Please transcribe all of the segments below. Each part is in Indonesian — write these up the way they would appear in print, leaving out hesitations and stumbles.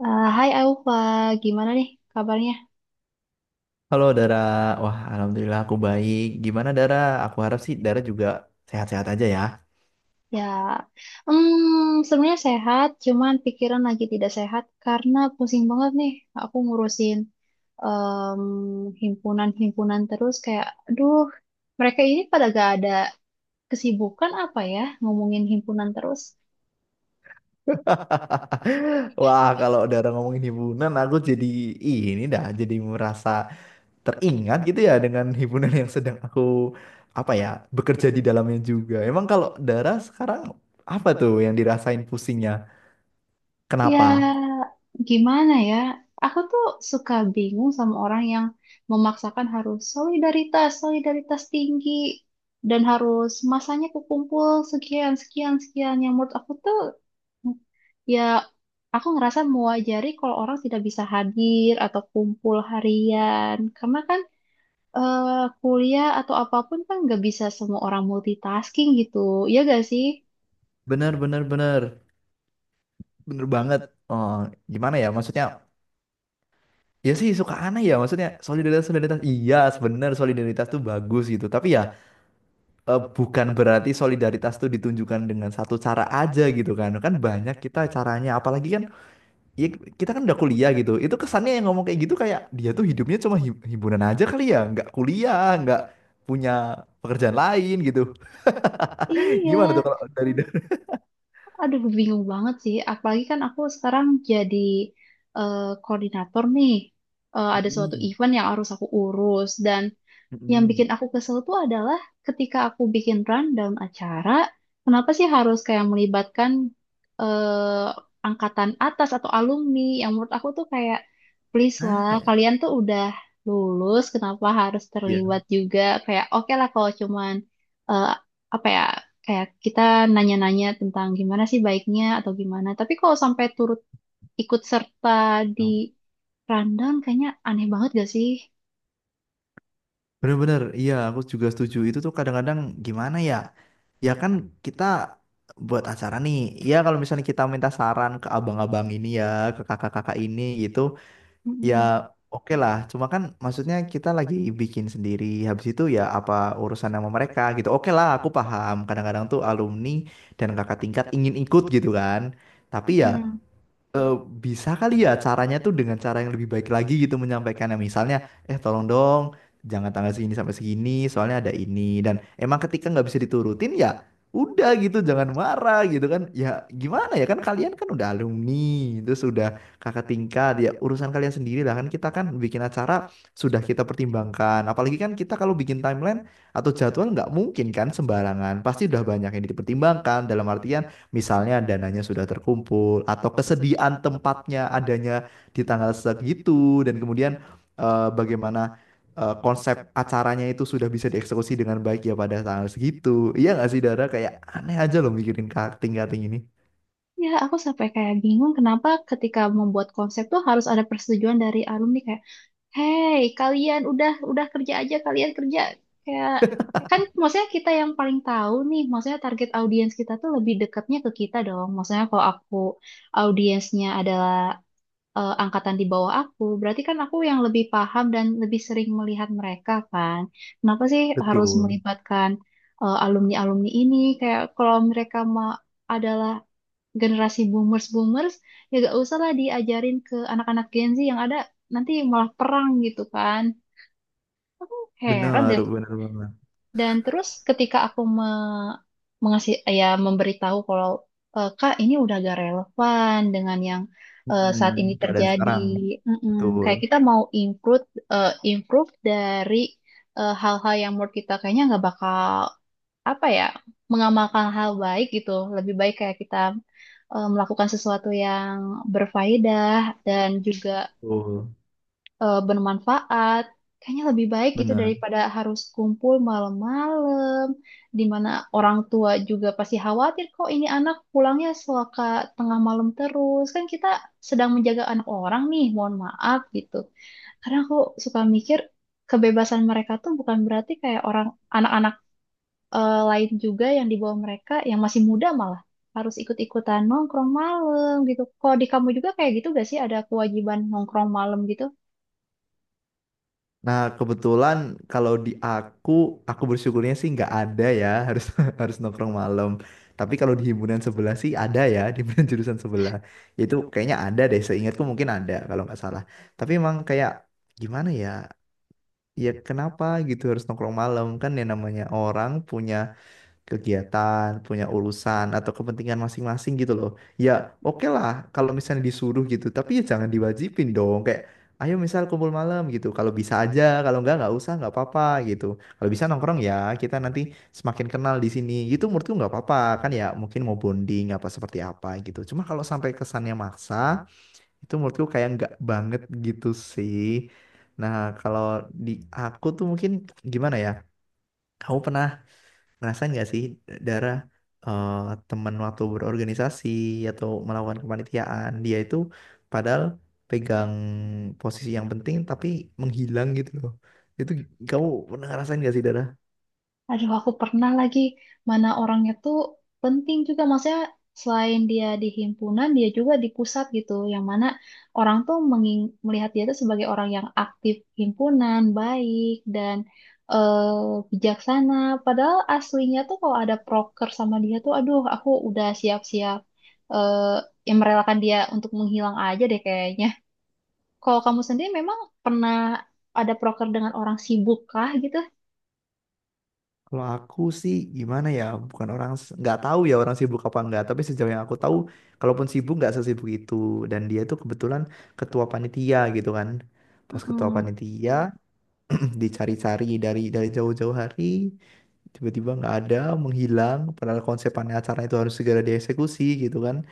Hai Aufa, gimana nih kabarnya? Halo Dara, wah alhamdulillah aku baik. Gimana Dara? Aku harap sih Dara juga sehat-sehat aja ya. Ya, sebenarnya sehat, cuman pikiran lagi tidak sehat karena pusing banget nih. Aku ngurusin em, himpunan-himpunan terus, kayak, aduh, mereka ini pada gak ada kesibukan apa ya, ngomongin himpunan terus. Wah kalau Dara ngomongin hiburan, aku jadi ini dah, jadi merasa teringat gitu ya dengan hiburan yang sedang aku apa ya bekerja di dalamnya juga. Emang kalau Dara sekarang apa tuh yang dirasain pusingnya? Kenapa? Ya, gimana ya? Aku tuh suka bingung sama orang yang memaksakan harus solidaritas, solidaritas tinggi, dan harus masanya kekumpul sekian, sekian, sekian. Yang menurut aku tuh, ya, aku ngerasa mewajari kalau orang tidak bisa hadir atau kumpul harian. Karena kan eh, kuliah atau apapun kan nggak bisa semua orang multitasking gitu. Iya gak sih? Bener bener bener bener banget. Oh, gimana ya? Maksudnya? Ya sih suka aneh ya maksudnya solidaritas solidaritas iya sebenarnya solidaritas tuh bagus gitu tapi ya bukan berarti solidaritas tuh ditunjukkan dengan satu cara aja gitu kan kan banyak kita caranya apalagi kan ya kita kan udah kuliah gitu itu kesannya yang ngomong kayak gitu kayak dia tuh hidupnya cuma himpunan aja kali ya nggak kuliah nggak punya pekerjaan lain gitu. Gimana tuh Iya. kalau dari. Aduh, bingung banget sih. Apalagi kan aku sekarang jadi koordinator nih. Ada suatu Mm-mm, event yang harus aku urus. Dan yang bikin mm-mm. aku kesel tuh adalah ketika aku bikin rundown acara, kenapa sih harus kayak melibatkan angkatan atas atau alumni? Yang menurut aku tuh kayak please lah, kalian tuh udah lulus, kenapa harus Iya, terlibat juga? Kayak oke lah kalau cuman eh, apa ya? Kayak kita nanya-nanya tentang gimana sih baiknya atau gimana. Tapi kalau sampai turut ikut serta di rundown, kayaknya aneh banget gak sih? bener-bener, iya aku juga setuju. Itu tuh kadang-kadang gimana ya? Ya kan kita buat acara nih. Ya kalau misalnya kita minta saran ke abang-abang ini ya, ke kakak-kakak ini gitu, ya Mm-mm, oke lah. Cuma kan maksudnya kita lagi bikin sendiri. Habis itu ya apa urusan sama mereka gitu. Oke lah, aku paham. Kadang-kadang tuh alumni dan kakak tingkat ingin ikut gitu kan. Tapi ya mm-mm. eh, bisa kali ya caranya tuh dengan cara yang lebih baik lagi gitu menyampaikannya, misalnya tolong dong jangan tanggal segini sampai segini soalnya ada ini. Dan emang ketika nggak bisa diturutin ya udah gitu, jangan marah gitu kan. Ya gimana ya, kan kalian kan udah alumni terus sudah kakak tingkat, ya urusan kalian sendiri lah. Kan kita kan bikin acara sudah kita pertimbangkan, apalagi kan kita kalau bikin timeline atau jadwal nggak mungkin kan sembarangan, pasti udah banyak yang dipertimbangkan dalam artian misalnya dananya sudah terkumpul atau kesediaan tempatnya adanya di tanggal segitu, dan kemudian bagaimana konsep acaranya itu sudah bisa dieksekusi dengan baik ya pada tanggal segitu. Iya nggak sih Dara? Kayak aneh aja loh mikirin cutting-cutting ini. Ya, aku sampai kayak bingung kenapa ketika membuat konsep tuh harus ada persetujuan dari alumni, kayak, "Hey, kalian udah kerja aja, kalian kerja." Kayak, kan maksudnya kita yang paling tahu nih, maksudnya target audiens kita tuh lebih dekatnya ke kita dong. Maksudnya kalau aku audiensnya adalah angkatan di bawah aku, berarti kan aku yang lebih paham dan lebih sering melihat mereka kan. Kenapa sih harus Betul. melibatkan alumni alumni ini? Kayak kalau mereka mau adalah generasi boomers-boomers, ya gak usah lah diajarin ke anak-anak Gen Z yang ada, nanti malah perang gitu kan. Aku heran Bener, deh. bener banget. Dan terus ketika aku me mengasih ya memberitahu kalau, "Eh, Kak, ini udah gak relevan dengan yang saat ini Mm-mm. Keadaan terjadi." sekarang. Mm-mm. Betul. Kayak kita mau improve dari hal-hal yang menurut kita kayaknya nggak bakal, apa ya, mengamalkan hal baik gitu. Lebih baik kayak kita melakukan sesuatu yang berfaedah dan juga Betul. Bermanfaat, kayaknya lebih baik gitu, Bener. daripada harus kumpul malam-malam di mana orang tua juga pasti khawatir, kok ini anak pulangnya suka tengah malam terus, kan kita sedang menjaga anak orang nih, mohon maaf gitu. Karena aku suka mikir kebebasan mereka tuh bukan berarti kayak orang anak-anak lain juga yang di bawah mereka yang masih muda malah harus ikut-ikutan nongkrong malam gitu. Kalau di kamu juga kayak gitu gak sih, ada kewajiban nongkrong malam gitu? Nah, kebetulan kalau di aku bersyukurnya sih nggak ada ya, harus harus nongkrong malam. Tapi kalau di himpunan sebelah sih ada ya, di himpunan jurusan sebelah. Ya, itu kayaknya ada deh, seingatku mungkin ada kalau nggak salah. Tapi emang kayak gimana ya? Ya kenapa gitu harus nongkrong malam, kan yang namanya orang punya kegiatan, punya urusan atau kepentingan masing-masing gitu loh. Ya, oke lah kalau misalnya disuruh gitu, tapi ya jangan diwajibin dong. Kayak ayo misal kumpul malam gitu. Kalau bisa aja, kalau enggak nggak usah, nggak apa-apa gitu. Kalau bisa nongkrong ya, kita nanti semakin kenal di sini. Gitu menurutku nggak apa-apa kan ya, mungkin mau bonding apa seperti apa gitu. Cuma kalau sampai kesannya maksa, itu menurutku kayak nggak banget gitu sih. Nah, kalau di aku tuh mungkin gimana ya? Kamu pernah ngerasain nggak sih darah, eh, temen waktu berorganisasi atau melakukan kepanitiaan, dia itu padahal pegang posisi yang penting tapi menghilang gitu loh. Itu kamu pernah ngerasain nggak sih darah? Aduh, aku pernah, lagi mana orangnya tuh penting juga. Maksudnya selain dia di himpunan, dia juga di pusat gitu. Yang mana orang tuh melihat dia tuh sebagai orang yang aktif himpunan, baik, dan eh, bijaksana. Padahal aslinya tuh kalau ada proker sama dia tuh, aduh, aku udah siap-siap, eh, yang merelakan dia untuk menghilang aja deh kayaknya. Kalau kamu sendiri memang pernah ada proker dengan orang sibuk kah gitu? Kalau aku sih gimana ya, bukan orang, nggak tahu ya orang sibuk apa enggak, tapi sejauh yang aku tahu, kalaupun sibuk nggak sesibuk itu. Dan dia itu kebetulan ketua panitia gitu kan. Pas ketua Mm-mm. panitia dicari-cari dari jauh-jauh hari tiba-tiba nggak ada, menghilang, padahal konsepannya acara itu harus segera dieksekusi gitu kan,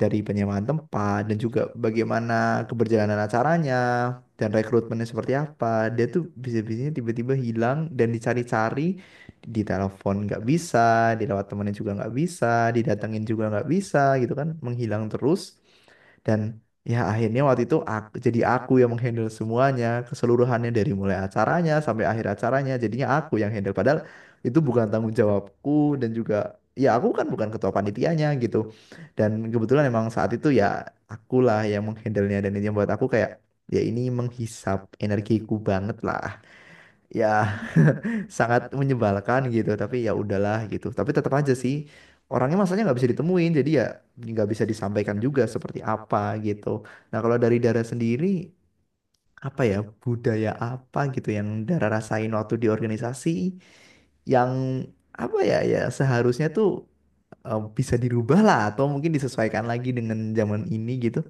dari penyewaan tempat dan juga bagaimana keberjalanan acaranya dan rekrutmennya seperti apa. Dia tuh bisa-bisanya tiba-tiba hilang dan dicari-cari, di telepon nggak bisa, di lewat temennya juga nggak bisa, didatengin juga nggak bisa gitu kan, menghilang terus. Dan ya akhirnya waktu itu aku, jadi aku yang menghandle semuanya, keseluruhannya dari mulai acaranya sampai akhir acaranya, jadinya aku yang handle. Padahal itu bukan tanggung jawabku dan juga ya aku kan bukan ketua panitianya gitu. Dan kebetulan emang saat itu ya akulah yang menghandlenya, dan itu yang buat aku kayak, ya ini menghisap energiku banget lah. Ya sangat menyebalkan gitu, tapi ya udahlah gitu, tapi tetap aja sih orangnya masanya nggak bisa ditemuin, jadi ya nggak bisa disampaikan juga seperti apa gitu. Nah kalau dari Dara sendiri, apa ya, budaya apa gitu yang Dara rasain waktu di organisasi yang apa ya, ya seharusnya tuh bisa dirubah lah atau mungkin disesuaikan lagi dengan zaman ini gitu,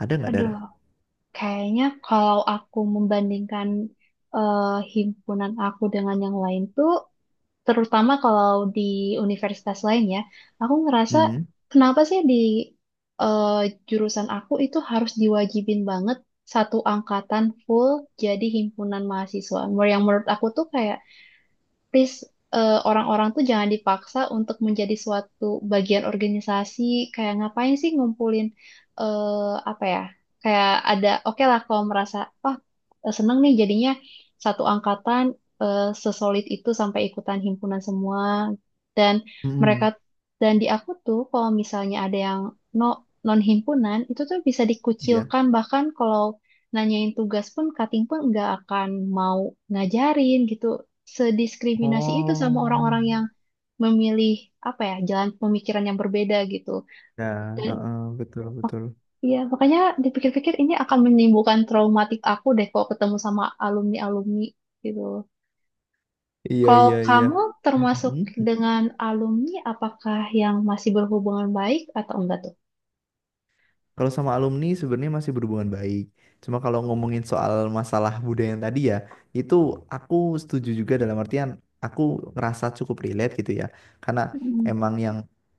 ada nggak Aduh. Dara? Kayaknya kalau aku membandingkan eh, himpunan aku dengan yang lain tuh, terutama kalau di universitas lain ya, aku ngerasa Hmm, kenapa sih di eh, jurusan aku itu harus diwajibin banget satu angkatan full jadi himpunan mahasiswa. Yang menurut aku tuh kayak please, orang-orang tuh jangan dipaksa untuk menjadi suatu bagian organisasi. Kayak ngapain sih ngumpulin apa ya, kayak ada oke lah kalau merasa wah, seneng nih jadinya satu angkatan sesolid itu sampai ikutan himpunan semua dan mereka. mm Dan di aku tuh kalau misalnya ada yang no non himpunan itu tuh bisa iya. dikucilkan, bahkan kalau nanyain tugas pun cutting pun nggak akan mau ngajarin gitu, sediskriminasi itu sama Oh, orang-orang yang memilih, apa ya, jalan pemikiran yang berbeda gitu. ya Dan heeh, betul mak- betul. iya makanya, dipikir-pikir ini akan menimbulkan traumatik aku deh kalau ketemu sama alumni-alumni gitu. Iya, Kalau iya, iya. kamu Mhm. termasuk dengan alumni, apakah yang masih berhubungan baik atau enggak tuh? Kalau sama alumni sebenarnya masih berhubungan baik. Cuma kalau ngomongin soal masalah budaya yang tadi ya, itu aku setuju juga dalam artian aku ngerasa cukup relate gitu ya. Karena Mm-mm, emang yang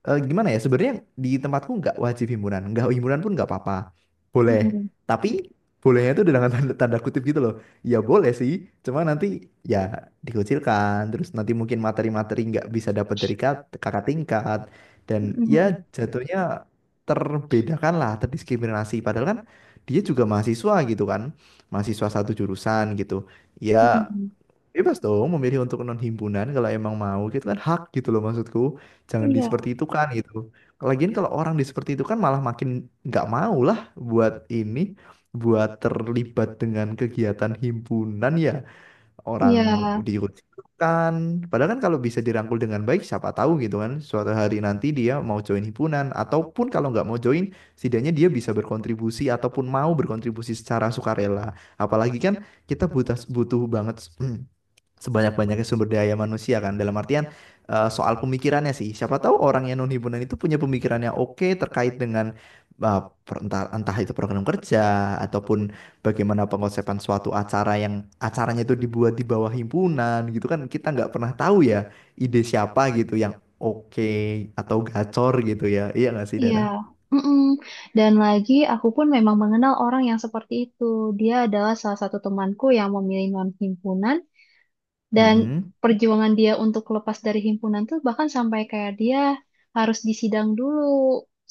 gimana ya sebenarnya di tempatku nggak wajib himpunan, nggak himpunan pun nggak apa-apa, boleh. mm-mm, Tapi bolehnya itu dengan tanda, tanda kutip gitu loh. Ya boleh sih, cuma nanti ya dikucilkan. Terus nanti mungkin materi-materi nggak bisa dapat dari kakak tingkat, dan ya mm-mm, jatuhnya terbedakan lah, terdiskriminasi. Padahal kan dia juga mahasiswa gitu kan, mahasiswa satu jurusan gitu. Ya mm-mm. bebas dong memilih untuk non himpunan kalau emang mau gitu kan, hak gitu loh maksudku. Jangan di Iya, seperti itu kan gitu. Lagian kalau orang di seperti itu kan malah makin nggak mau lah buat ini, buat terlibat dengan kegiatan himpunan, ya orang iya. dirugikan. Padahal kan kalau bisa dirangkul dengan baik, siapa tahu gitu kan. Suatu hari nanti dia mau join himpunan, ataupun kalau nggak mau join, setidaknya dia bisa berkontribusi ataupun mau berkontribusi secara sukarela. Apalagi kan kita butuh butuh banget sebanyak-banyaknya sumber daya manusia kan, dalam artian soal pemikirannya sih siapa tahu orang yang non himpunan itu punya pemikiran yang oke terkait dengan eh, entah itu program kerja ataupun bagaimana pengosepan suatu acara yang acaranya itu dibuat di bawah himpunan gitu kan. Kita nggak pernah tahu ya ide siapa gitu yang oke atau gacor gitu, ya iya nggak sih Iya, Dara? mm-mm. Dan lagi aku pun memang mengenal orang yang seperti itu. Dia adalah salah satu temanku yang memilih non-himpunan, dan Mm-mm. perjuangan dia untuk lepas dari himpunan tuh bahkan sampai kayak dia harus disidang dulu,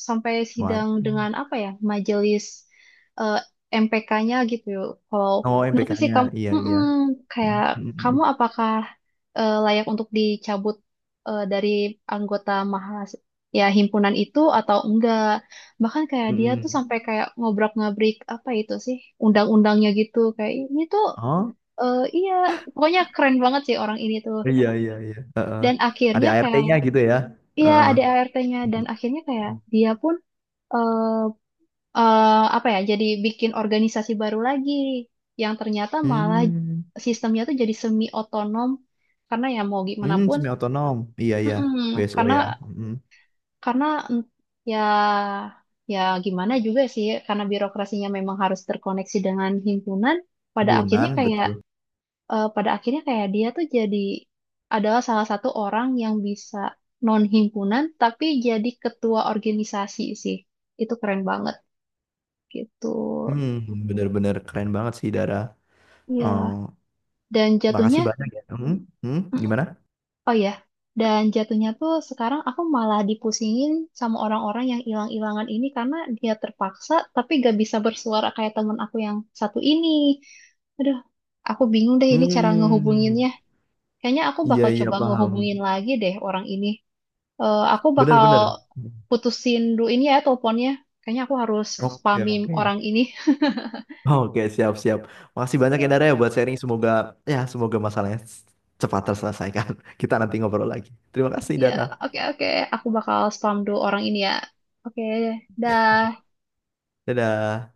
sampai sidang Waduh. dengan, apa ya, majelis MPK-nya gitu. Kalau Oh, kenapa sih MPK-nya, kamu, iya iya. mm-mm, kayak Mm-mm. kamu apakah layak untuk dicabut dari anggota mahas ya himpunan itu atau enggak? Bahkan kayak dia tuh Mm-mm. sampai kayak ngobrak-ngabrik apa itu sih undang-undangnya gitu. Kayak ini tuh. Oh, Iya, pokoknya keren banget sih orang ini tuh. iya iya iya. Dan Ada akhirnya, kayak, ART-nya gitu ya. iya Heeh. ada ART-nya, dan akhirnya kayak dia pun eh eh, apa ya, jadi bikin organisasi baru lagi yang ternyata malah Hmm, sistemnya tuh jadi semi otonom, karena ya mau gimana pun, semi otonom. Iya iya, mm-mm, BSO karena ya. Hmm. karena mm, ya ya gimana juga sih, karena birokrasinya memang harus terkoneksi dengan himpunan. Pada akhirnya Gunan kayak betul. Pada akhirnya kayak dia tuh jadi adalah salah satu orang yang bisa non himpunan tapi jadi ketua organisasi sih, itu keren banget gitu. Hmm, bener-bener keren banget sih Dara. Ya Oh, dan makasih jatuhnya banyak ya. Mm, Gimana? oh ya, dan jatuhnya tuh sekarang aku malah dipusingin sama orang-orang yang hilang-hilangan ini karena dia terpaksa tapi gak bisa bersuara kayak temen aku yang satu ini. Aduh, aku bingung deh ini cara Hmm, ngehubunginnya, kayaknya aku iya bakal iya coba paham. ngehubungin lagi deh orang ini. Aku bakal Bener-bener. putusin dulu ini ya teleponnya. Kayaknya aku harus Oke spamin oke. orang ini. Oke siap siap. Makasih banyak ya Oke, Dara ya buat sharing. Semoga masalahnya cepat terselesaikan. Kita nanti ngobrol lagi. Terima kasih ya, Dara. oke, oke. Aku bakal spam dulu orang ini ya. Oke, dah. Dadah.